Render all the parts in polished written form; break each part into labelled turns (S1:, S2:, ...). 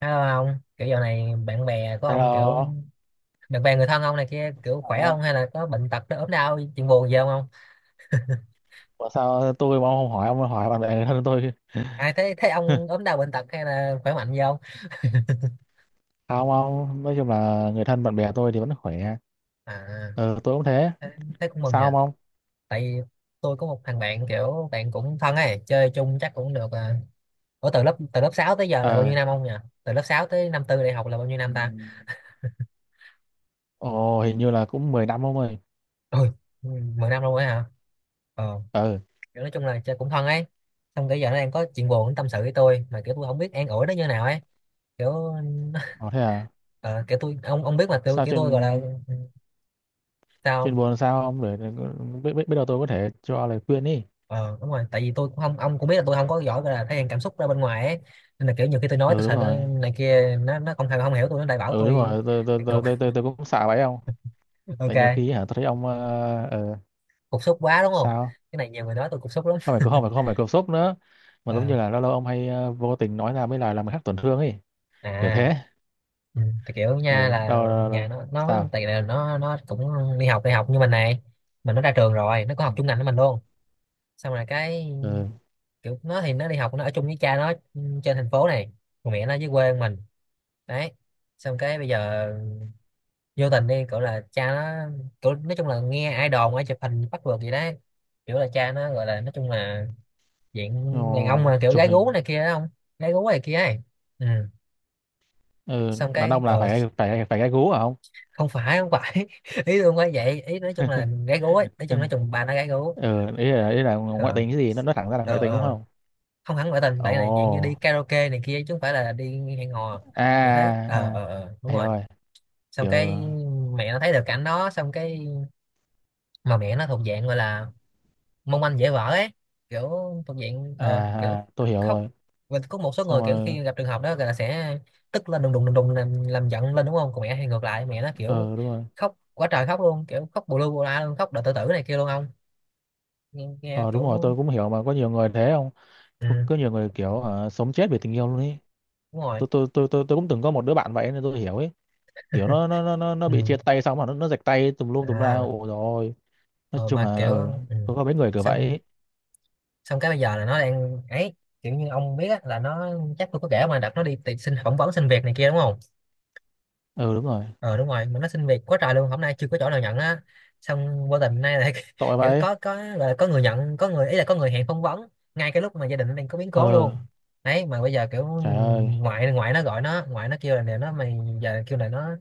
S1: Hello ông, kiểu giờ này bạn bè của ông kiểu
S2: Hello,
S1: bạn bè người thân ông này kia kiểu
S2: hỏi
S1: khỏe
S2: ông.
S1: không hay là có bệnh tật nó ốm đau chuyện buồn gì không ông?
S2: Ủa sao tôi mà ông không hỏi, ông hỏi bạn bè người thân tôi?
S1: À thế thế ông ốm đau bệnh tật hay là khỏe mạnh gì không?
S2: Không, ông nói chung là người thân bạn bè tôi thì vẫn khỏe.
S1: À
S2: Ờ tôi cũng thế.
S1: thế, thế cũng mừng
S2: Sao không
S1: nha.
S2: ông?
S1: Tại vì tôi có một thằng bạn kiểu bạn cũng thân ấy, chơi chung chắc cũng được à. Ủa từ lớp 6 tới giờ là bao nhiêu
S2: ờ
S1: năm ông nhỉ? Từ lớp 6 tới năm tư đại học là bao nhiêu năm ta?
S2: ừm, Ồ hình như là cũng 10 năm ông ơi.
S1: Ôi, 10 năm luôn ấy hả? Ờ,
S2: ờ
S1: kiểu nói chung là chơi cũng thân ấy, xong cái giờ nó đang có chuyện buồn nó tâm sự với tôi mà kiểu tôi không biết an ủi nó như nào ấy, kiểu
S2: ờ, Thế à?
S1: ờ, kiểu tôi ông biết mà tôi
S2: Sao
S1: kiểu
S2: chuyện?
S1: tôi gọi là ừ, sao
S2: Chuyện
S1: không?
S2: buồn sao ông biết biết biết đâu tôi có thể cho lời khuyên. Đi.
S1: Ờ Đúng rồi, tại vì tôi cũng không, ông cũng biết là tôi không có giỏi gọi là thể hiện cảm xúc ra bên ngoài ấy, nên là kiểu nhiều khi tôi nói tôi
S2: Ừ đúng
S1: sợ nó
S2: rồi.
S1: này kia, nó không thèm không hiểu tôi nó lại bảo
S2: Ừ đúng
S1: tôi
S2: rồi, tôi tôi tôi
S1: cục.
S2: tôi tôi, tôi cũng sợ vậy ông.
S1: Ok,
S2: Tại nhiều khi hả tôi thấy ông
S1: cục xúc quá đúng không,
S2: sao.
S1: cái này nhiều người nói tôi cục xúc lắm.
S2: Không phải, không phải cột sốc nữa, mà giống
S1: Ờ,
S2: như là lâu lâu ông hay vô tình nói ra mấy lời làm người khác tổn thương ấy, kiểu
S1: à,
S2: thế.
S1: ừ, tại kiểu nha
S2: Ừ,
S1: là
S2: đâu.
S1: nhà nó
S2: Sao?
S1: tại là nó cũng đi học như mình này, mình nó ra trường rồi nó có học chung ngành với mình luôn, xong rồi cái
S2: ừ
S1: kiểu nó thì nó đi học nó ở chung với cha nó trên thành phố này, còn mẹ nó dưới quê mình đấy. Xong cái bây giờ vô tình đi kiểu là cha nó kiểu nói chung là nghe ai đồn ai chụp hình bắt vượt gì đấy, kiểu là cha nó gọi là nói chung là diện
S2: ờ,
S1: đàn ông mà kiểu
S2: Chụp
S1: gái gú
S2: hình.
S1: này kia đó không, gái gú này kia ấy. Ừ,
S2: Ừ,
S1: xong
S2: đàn
S1: cái
S2: ông là phải phải phải gai gú hả không?
S1: không phải không phải ý tôi không phải vậy, ý nói chung là gái gú ấy, nói chung bà nó gái gú.
S2: Ừ ý là ngoại
S1: ờ
S2: tình, cái gì nó thẳng ra là ngoại
S1: ờ
S2: tình đúng
S1: ờ
S2: không?
S1: Không hẳn ngoại tình
S2: Ồ.
S1: bạn này, dạng như đi karaoke này kia chứ không phải là đi hẹn hò,
S2: À.
S1: kiểu thế.
S2: À. À,
S1: Ờ Đúng
S2: hiểu
S1: rồi.
S2: rồi.
S1: Xong
S2: Kiểu.
S1: cái mẹ nó thấy được cảnh đó, xong cái mà mẹ nó thuộc dạng gọi là mong manh dễ vỡ ấy, kiểu thuộc diện
S2: À,
S1: kiểu
S2: à tôi hiểu
S1: khóc.
S2: rồi.
S1: Và có một số
S2: Xong
S1: người kiểu
S2: rồi.
S1: khi gặp trường hợp đó là sẽ tức lên đùng đùng đùng đùng làm giận lên đúng không, còn mẹ, hay ngược lại mẹ nó kiểu
S2: Ờ đúng rồi.
S1: khóc quá trời khóc luôn, kiểu khóc bù lu bù la luôn, khóc đợi tự tử này kia luôn ông. Nghe
S2: Ờ đúng rồi
S1: kiểu
S2: tôi cũng hiểu, mà có nhiều người thế không?
S1: ừ,
S2: Có nhiều người kiểu sống chết vì tình yêu luôn ý.
S1: đúng rồi.
S2: Tôi cũng từng có một đứa bạn vậy nên tôi hiểu ấy. Kiểu nó
S1: Ừ.
S2: bị chia tay xong mà nó rạch tay tùm lum tùm la,
S1: À,
S2: ồ rồi. Nói
S1: ờ,
S2: chung
S1: mà
S2: là
S1: kiểu
S2: ờ
S1: ừ.
S2: có mấy người kiểu vậy
S1: Xong
S2: ấy.
S1: xong cái bây giờ là nó đang ấy, kiểu như ông biết á, là nó chắc tôi có kể mà, đặt nó đi tìm xin phỏng vấn xin việc này kia đúng không.
S2: Ừ đúng rồi.
S1: Ờ đúng rồi, mà nó xin việc quá trời luôn, hôm nay chưa có chỗ nào nhận á, xong vô tình hôm nay lại
S2: Tội
S1: kiểu
S2: vậy.
S1: có gọi là có người nhận, có người ý là có người hẹn phỏng vấn ngay cái lúc mà gia đình nó đang có biến cố
S2: Ờ.
S1: luôn đấy. Mà bây giờ kiểu
S2: Trời ơi.
S1: ngoại, ngoại nó gọi nó, ngoại nó kêu là nè nó, mày giờ kêu là nó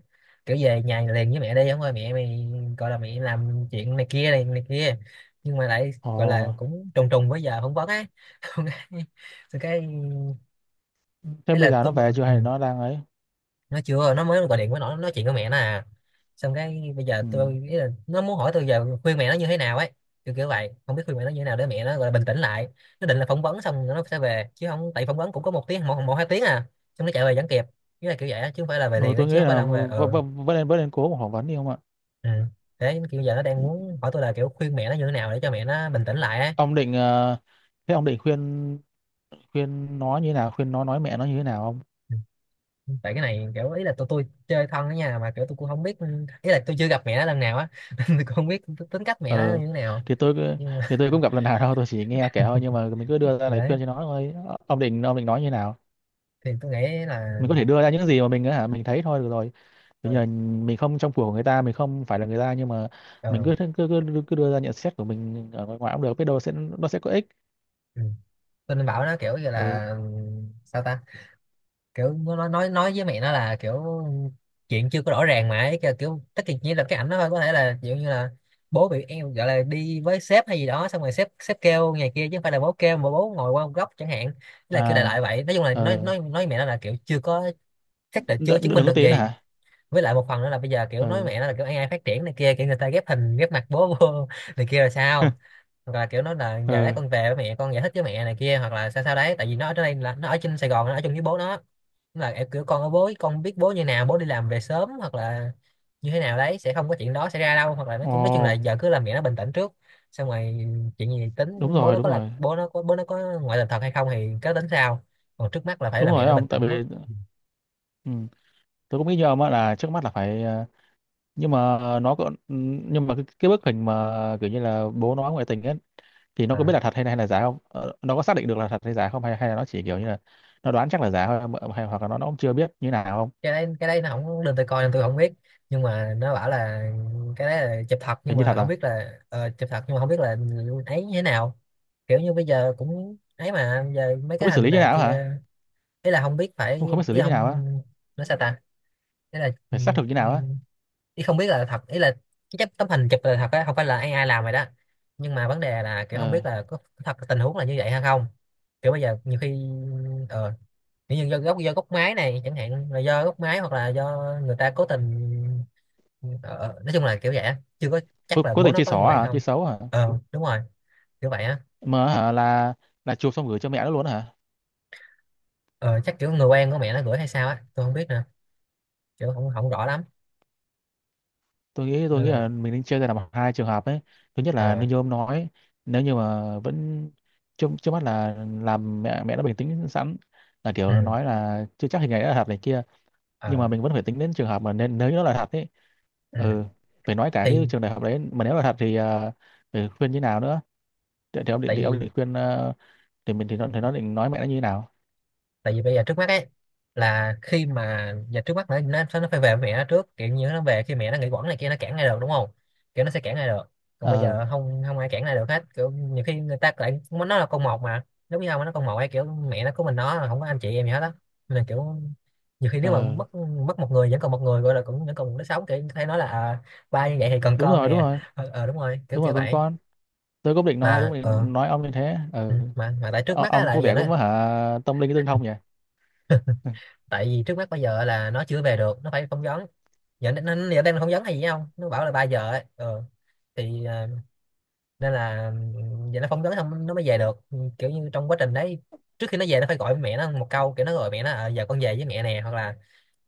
S1: kiểu về nhà liền với mẹ đi không ơi, mẹ mày gọi là mẹ làm chuyện này kia này này kia, nhưng mà lại
S2: Ồ,
S1: gọi là cũng trùng trùng với giờ phỏng vấn á. Xong cái xong cái
S2: thế
S1: ý là
S2: bây giờ nó
S1: tôi
S2: về chưa
S1: ừ,
S2: hay là nó đang ấy?
S1: nó chưa, nó mới gọi điện với nó nói chuyện với mẹ nó à, xong cái bây giờ
S2: Ừ.
S1: tôi ý là nó muốn hỏi tôi giờ khuyên mẹ nó như thế nào ấy, kiểu kiểu vậy, không biết khuyên mẹ nó như thế nào để mẹ nó gọi là bình tĩnh lại. Nó định là phỏng vấn xong rồi nó sẽ về chứ không, tại phỏng vấn cũng có một tiếng, một hai tiếng à, xong nó chạy về vẫn kịp, nghĩa là kiểu vậy á, chứ không phải là về
S2: Ừ
S1: liền á,
S2: tôi nghĩ
S1: chứ không phải là
S2: là
S1: không về. Ừ.
S2: vẫn nên cố mà phỏng vấn đi không ạ.
S1: Ừ. Thế kiểu giờ nó đang muốn hỏi tôi là kiểu khuyên mẹ nó như thế nào để cho mẹ nó bình tĩnh lại á.
S2: Ông định thế ông định khuyên, khuyên nó như thế nào, khuyên nó nói mẹ nó như thế nào không?
S1: Ừ, tại cái này kiểu ý là tôi chơi thân ở nhà mà kiểu tôi cũng không biết, ý là tôi chưa gặp mẹ nó lần nào á nên tôi cũng không biết tính cách mẹ nó
S2: Ờ
S1: như thế nào,
S2: thì tôi cứ-
S1: nhưng
S2: thì tôi cũng gặp lần nào đâu, tôi chỉ nghe kể thôi, nhưng mà mình cứ
S1: thì
S2: đưa ra lời
S1: đấy
S2: khuyên cho nó thôi. Ông định ông định nói như nào?
S1: thì tôi nghĩ là
S2: Mình có thể đưa ra những gì mà mình á hả mình thấy thôi, được rồi.
S1: ờ,
S2: Bây giờ mình không trong cuộc của người ta, mình không phải là người ta, nhưng mà mình
S1: ờ,
S2: cứ cứ cứ, cứ cứ đưa ra nhận xét của mình ở ngoài ngoài cũng được, biết đâu sẽ nó sẽ có ích.
S1: ừ, tôi nên bảo nó kiểu như
S2: Ừ.
S1: là sao ta, kiểu nó nói với mẹ nó là kiểu chuyện chưa có rõ ràng mà ấy, kiểu, kiểu tất cả chỉ là cái ảnh nó thôi, có thể là kiểu như là bố bị em gọi là đi với sếp hay gì đó, xong rồi sếp sếp kêu ngày kia chứ không phải là bố kêu, mà bố ngồi qua một góc chẳng hạn. Thế là kiểu đại
S2: À.
S1: loại vậy, nói chung là
S2: Ờ.
S1: nói với mẹ nó là kiểu chưa có chắc là chưa
S2: Đừng,
S1: chứng minh
S2: đừng có
S1: được
S2: tiến
S1: gì.
S2: hả.
S1: Với lại một phần nữa là bây giờ kiểu nói
S2: Ừ.
S1: với mẹ nó là kiểu AI phát triển này kia, kiểu người ta ghép hình ghép mặt bố vô này kia là sao, hoặc là kiểu nó là giờ đấy
S2: Ừ.
S1: con về với mẹ, con giải thích với mẹ này kia, hoặc là sao sao đấy, tại vì nó ở đây là nó ở trên Sài Gòn nó ở chung với bố nó. Nên là em kiểu con ở bố, con biết bố như nào, bố đi làm về sớm hoặc là như thế nào đấy, sẽ không có chuyện đó xảy ra đâu, hoặc là
S2: Ồ.
S1: nói chung là giờ cứ làm mẹ nó bình tĩnh trước, xong rồi chuyện gì
S2: Đúng
S1: tính. Bố
S2: rồi.
S1: nó
S2: Đúng
S1: có là
S2: rồi.
S1: bố nó có ngoại tình thật hay không thì cứ tính sau, còn trước mắt là phải
S2: Đúng
S1: là mẹ
S2: rồi
S1: nó bình
S2: ông, tại
S1: tĩnh trước.
S2: vì. Ừ. Tôi cũng nghĩ như ông á là trước mắt là phải nhưng mà nó có, nhưng mà cái bức hình mà kiểu như là bố nó ngoại tình ấy, thì nó
S1: Ờ.
S2: có biết là thật hay là giả không? Ờ, nó có xác định được là thật hay giả không, hay hay là nó chỉ kiểu như là nó đoán chắc là giả thôi mà, hay hoặc là nó cũng chưa biết như nào không?
S1: Cái đấy nó không, nên tôi coi, nên tôi không biết, nhưng mà nó bảo là cái đấy là chụp thật, nhưng
S2: Hình như
S1: mà
S2: thật
S1: không
S2: à.
S1: biết là chụp thật nhưng mà không biết là ấy như thế nào, kiểu như bây giờ cũng ấy, mà bây giờ mấy
S2: Không
S1: cái
S2: biết xử
S1: hình
S2: lý như
S1: này
S2: nào hả?
S1: kia ý là không biết phải,
S2: Không, không biết xử
S1: ý
S2: lý
S1: là
S2: như nào
S1: không,
S2: á?
S1: nó sao ta, ý là
S2: Phải xác thực như
S1: ừ,
S2: nào á?
S1: ý không biết là thật, ý là cái chấp- tấm hình chụp là thật á, không phải là AI ai làm rồi đó, nhưng mà vấn đề là kiểu không
S2: Ờ.
S1: biết là có thật tình huống là như vậy hay không, kiểu bây giờ nhiều khi ờ, kiểu như do gốc máy này chẳng hạn, là do gốc máy hoặc là do người ta cố tình, ờ, nói chung là kiểu vậy á. Chưa có
S2: Cố,
S1: chắc là
S2: cố
S1: bố
S2: tình
S1: nó
S2: chơi
S1: có như
S2: xỏ
S1: vậy
S2: hả, chơi
S1: không.
S2: xấu hả?
S1: Ờ đúng rồi, kiểu vậy á.
S2: Mà hả là chụp xong gửi cho mẹ nó luôn hả?
S1: Ờ chắc kiểu người quen của mẹ nó gửi hay sao á, tôi không biết nè, kiểu không không rõ lắm,
S2: Tôi nghĩ tôi
S1: nên
S2: nghĩ
S1: là
S2: là mình nên chia ra làm hai trường hợp ấy. Thứ nhất là
S1: ờ
S2: như ông nói, nếu như mà vẫn, trước trước mắt là làm mẹ, mẹ đã bình tĩnh sẵn, là kiểu
S1: ừ
S2: nói là chưa chắc hình này đã là thật này kia. Nhưng
S1: ờ
S2: mà mình vẫn phải tính đến trường hợp mà nên nếu nó là thật ấy. Ừ.
S1: ừ
S2: Phải nói cả cái
S1: thì
S2: trường đại học đấy, mà nếu là thật thì phải khuyên như nào nữa. Thì, thì ông định
S1: tại
S2: thì ông
S1: vì
S2: định khuyên thì mình, thì nó định nói mẹ nó như thế nào?
S1: tại vì bây giờ trước mắt ấy là khi mà giờ trước mắt nó phải về với mẹ nó trước, kiểu như nó về khi mẹ nó nghỉ quẩn này kia nó cản lại được đúng không, kiểu nó sẽ cản lại được, còn bây
S2: Ờ.
S1: giờ không, không ai cản lại được hết, kiểu nhiều khi người ta lại muốn nó là con một mà, lúc với nhau mà nó con một ấy, kiểu mẹ nó của mình nó mà không có anh chị em gì hết á, nên là kiểu nhiều khi nếu mà
S2: Ờ
S1: mất, mất một người vẫn còn một người gọi là cũng vẫn còn, nó sống kiểu thấy nói là à, ba như vậy thì còn
S2: đúng
S1: con
S2: rồi. Đúng
S1: nè.
S2: rồi.
S1: Ờ ờ, đúng rồi, kiểu
S2: Đúng
S1: kiểu
S2: rồi con
S1: vậy
S2: con. Tôi cũng định nói tôi
S1: mà.
S2: cũng
S1: Ờ
S2: định nói ông như thế.
S1: ừ,
S2: Ừ.
S1: mà tại trước
S2: Ô,
S1: mắt á
S2: ông
S1: là
S2: có
S1: bây giờ
S2: vẻ
S1: nó,
S2: cũng hả tâm linh tương thông nhỉ. Ừ.
S1: tại vì trước mắt bây giờ là nó chưa về được, nó phải phỏng vấn. Nó giờ đang phỏng vấn hay gì không, nó bảo là 3 giờ ấy. Ừ. Thì à, nên là ừ, giờ nó phỏng vấn xong nó mới về được. Ừ, kiểu như trong quá trình đấy trước khi nó về, nó phải gọi với mẹ nó một câu. Kiểu nó gọi mẹ nó à, giờ con về với mẹ nè, hoặc là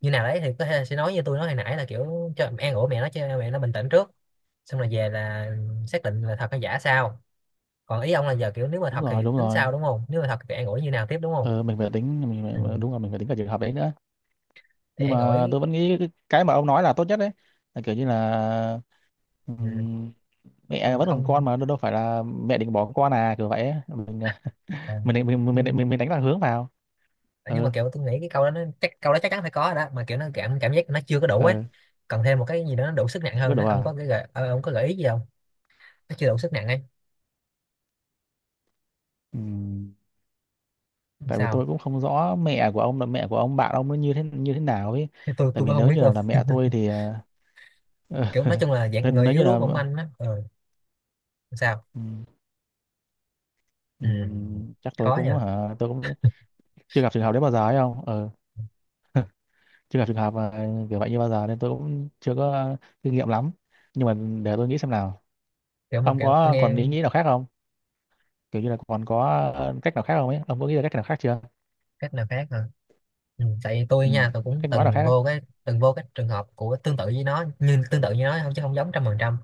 S1: như nào đấy thì có thể là sẽ nói như tôi nói hồi nãy, là kiểu cho an ủi mẹ nó, cho mẹ nó bình tĩnh trước, xong rồi về là xác định là thật hay giả sao. Còn ý ông là giờ kiểu nếu mà
S2: Đúng
S1: thật
S2: rồi.
S1: thì
S2: Đúng
S1: tính
S2: rồi
S1: sao đúng không, nếu mà thật thì an ủi như nào tiếp đúng không.
S2: ờ, mình phải tính, mình
S1: Ừ.
S2: phải, đúng rồi mình phải tính cả trường hợp đấy nữa.
S1: Thì
S2: Nhưng
S1: an
S2: mà
S1: ủi.
S2: tôi vẫn nghĩ cái mà ông nói là tốt nhất đấy, là kiểu như là
S1: Ừ.
S2: ừm, mẹ
S1: Không
S2: vẫn còn
S1: không.
S2: con mà, đâu đâu phải là mẹ định bỏ con à, kiểu vậy ấy. Mình à,
S1: Ờ.
S2: mình mình mình
S1: Nhưng
S2: mình, mình đánh lạc hướng vào.
S1: ờ, nhưng mà
S2: Ừ.
S1: kiểu tôi nghĩ cái câu đó nó chắc câu đó chắc chắn phải có rồi đó, mà kiểu nó cảm cảm giác nó chưa có đủ ấy,
S2: Ừ.
S1: cần thêm một cái gì đó nó đủ sức nặng
S2: Chứ có
S1: hơn nữa.
S2: đủ
S1: Ông có
S2: à?
S1: cái gợi ờ, ông có gợi ý gì không? Nó chưa đủ sức nặng ấy.
S2: Ừm, Tại vì
S1: Sao?
S2: tôi cũng không rõ mẹ của ông, là mẹ của ông bạn ông nó như thế nào ấy.
S1: tôi
S2: Tại
S1: tôi cũng
S2: vì
S1: không
S2: nếu
S1: biết
S2: như
S1: luôn
S2: là mẹ tôi thì
S1: kiểu nói chung là
S2: nếu
S1: dạng người
S2: nếu
S1: yếu
S2: như
S1: đuối
S2: là
S1: mỏng manh á. Ừ. Sao?
S2: ừm,
S1: Ừ.
S2: chắc tôi
S1: Khó
S2: cũng
S1: nha.
S2: hả tôi cũng chưa gặp trường hợp đấy bao giờ ấy không ờ, chưa gặp trường hợp mà kiểu vậy như bao giờ nên tôi cũng chưa có kinh nghiệm lắm. Nhưng mà để tôi nghĩ xem nào.
S1: Kiểu mà
S2: Ông
S1: kiểu tôi
S2: có
S1: nghe.
S2: còn ý nghĩ nào khác không, kiểu như là còn có cách nào khác không ấy, ông có nghĩ ra cách nào khác chưa?
S1: Cách nào khác hả? Ừ, tại vì tôi
S2: Ừ.
S1: nha tôi cũng
S2: Cách nói nào khác
S1: từng
S2: ấy.
S1: vô cái trường hợp của tương tự với nó, nhưng tương tự như nó không, chứ không giống trăm phần trăm.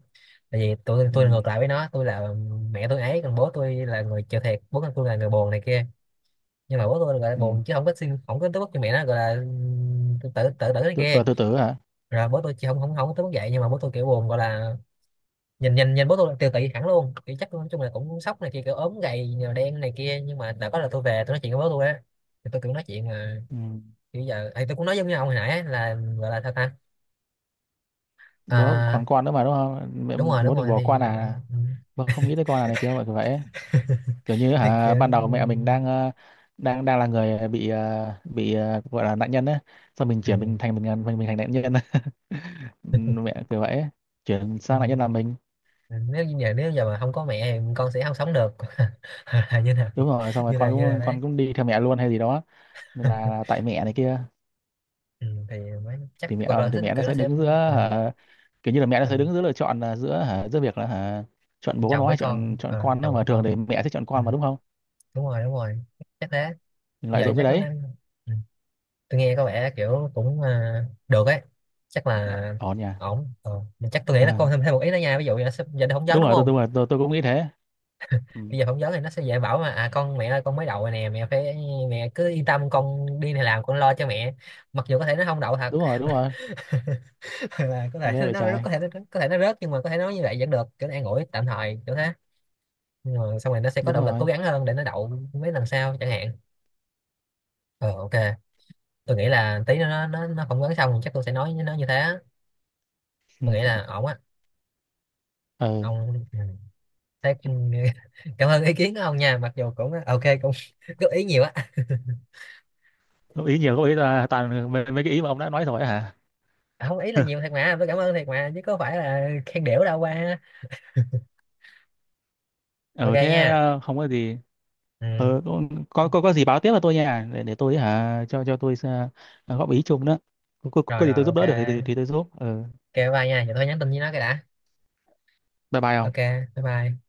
S1: Tại vì tôi
S2: Ừ.
S1: tôi ngược lại với nó, tôi là mẹ tôi ấy, còn bố tôi là người chịu thiệt, bố tôi là người buồn này kia. Nhưng mà bố tôi gọi là
S2: Ừ.
S1: buồn chứ không có xin không có tới mức như mẹ nó gọi là tự tự tự tử này
S2: Tự,
S1: kia.
S2: tự, tự tử hả?
S1: Rồi bố tôi chỉ không không không có tới mức vậy, nhưng mà bố tôi kiểu buồn gọi là nhìn nhìn nhìn bố tôi là tiêu tụy hẳn luôn, kiểu chắc nói chung là cũng sốc này kia, kiểu ốm gầy nhờ đen này kia. Nhưng mà đã có là tôi về tôi nói chuyện với bố tôi á, thì tôi kiểu nói chuyện mà
S2: Ừ.
S1: kiểu giờ ấy, tôi cũng nói giống như ông hồi nãy ấy, là gọi là sao ta.
S2: Bố
S1: À,
S2: còn con nữa mà đúng không mẹ,
S1: đúng
S2: bố định
S1: rồi
S2: bỏ
S1: thì
S2: con à,
S1: ừ,
S2: bố không nghĩ tới con à, này kiểu vậy ấy. Kiểu như
S1: thì
S2: hả
S1: kiểu
S2: ban đầu mẹ mình đang đang, đang là người bị bị gọi là nạn nhân ấy, xong mình
S1: ừ,
S2: chuyển mình thành mình mình thành nạn nhân. Mẹ kiểu vậy ấy. Chuyển
S1: ừ.
S2: sang lại nhất là mình.
S1: Ừ, nếu như giờ nếu giờ mà không có mẹ thì con sẽ không sống được như nào
S2: Đúng rồi, xong rồi
S1: như
S2: con
S1: nào như nào
S2: cũng,
S1: đấy
S2: con cũng đi theo mẹ luôn hay gì đó. Nên là tại mẹ này kia.
S1: ừ, thì mới chắc
S2: Thì mẹ
S1: hoặc
S2: thì
S1: là nó
S2: mẹ nó
S1: kiểu nó
S2: sẽ
S1: sẽ
S2: đứng giữa,
S1: ờ,
S2: hả, kiểu như là mẹ nó
S1: ờ,
S2: sẽ đứng giữa lựa chọn là giữa, hả, giữa việc là hả, chọn bố
S1: chồng
S2: nó
S1: với
S2: hay chọn,
S1: con.
S2: chọn
S1: Ờ,
S2: con nó,
S1: chồng
S2: mà
S1: với
S2: thường thì
S1: con.
S2: mẹ sẽ chọn
S1: Ừ,
S2: con mà đúng không?
S1: đúng rồi chắc thế.
S2: Mình lợi
S1: Giờ
S2: dụng cái
S1: chắc nó
S2: đấy.
S1: đang. Ừ. Tôi nghe có vẻ kiểu cũng à, được ấy, chắc là
S2: Ổn nhỉ.
S1: ổn ờ. Mình chắc tôi nghĩ là con thêm thêm một ý nữa nha. Ví dụ giờ, giờ đi phỏng vấn
S2: Đúng
S1: đúng
S2: rồi, tôi
S1: không?
S2: tôi tôi tôi cũng nghĩ thế. Ừ.
S1: Bây giờ phỏng vấn thì nó sẽ dễ bảo mà, à con mẹ ơi con mới đậu rồi nè mẹ, phải mẹ cứ yên tâm con đi này làm con lo cho mẹ, mặc dù có thể nó không đậu thật
S2: Đúng rồi. Đúng rồi.
S1: Hoặc là
S2: Ghê vậy trai.
S1: có thể nó rớt, nhưng mà có thể nói như vậy vẫn được kiểu nó an ủi tạm thời kiểu thế. Nhưng mà xong rồi nó sẽ có
S2: Đúng
S1: động lực cố
S2: rồi.
S1: gắng hơn để nó đậu mấy lần sau chẳng hạn. Ờ, ok. Tôi nghĩ là tí nó nó phỏng vấn xong chắc tôi sẽ nói với nó như thế á. Tôi nghĩ
S2: Ừ.
S1: là ổn á.
S2: Ừ.
S1: Ông. Ừ. Thế, ừ, cảm ơn ý kiến của ông nha, mặc dù cũng ok cũng góp ý nhiều á.
S2: Góp ý nhiều, góp ý là toàn mấy cái ý mà ông đã nói rồi hả?
S1: À, không ý là nhiều thiệt mà, tôi cảm ơn thiệt mà chứ có phải là khen đểu đâu qua. Ok
S2: Ừ
S1: nha.
S2: thế không có gì.
S1: Ừ.
S2: Ờ, có gì báo tiếp là tôi nha, để tôi hả cho tôi góp ý chung đó. có, có,
S1: Rồi
S2: có gì
S1: rồi,
S2: tôi giúp
S1: ok.
S2: đỡ được thì thì tôi giúp. Ờ,
S1: Ok, bye bye nha, giờ tôi nhắn tin với nó cái đã.
S2: bye bye.
S1: Ok. Bye bye.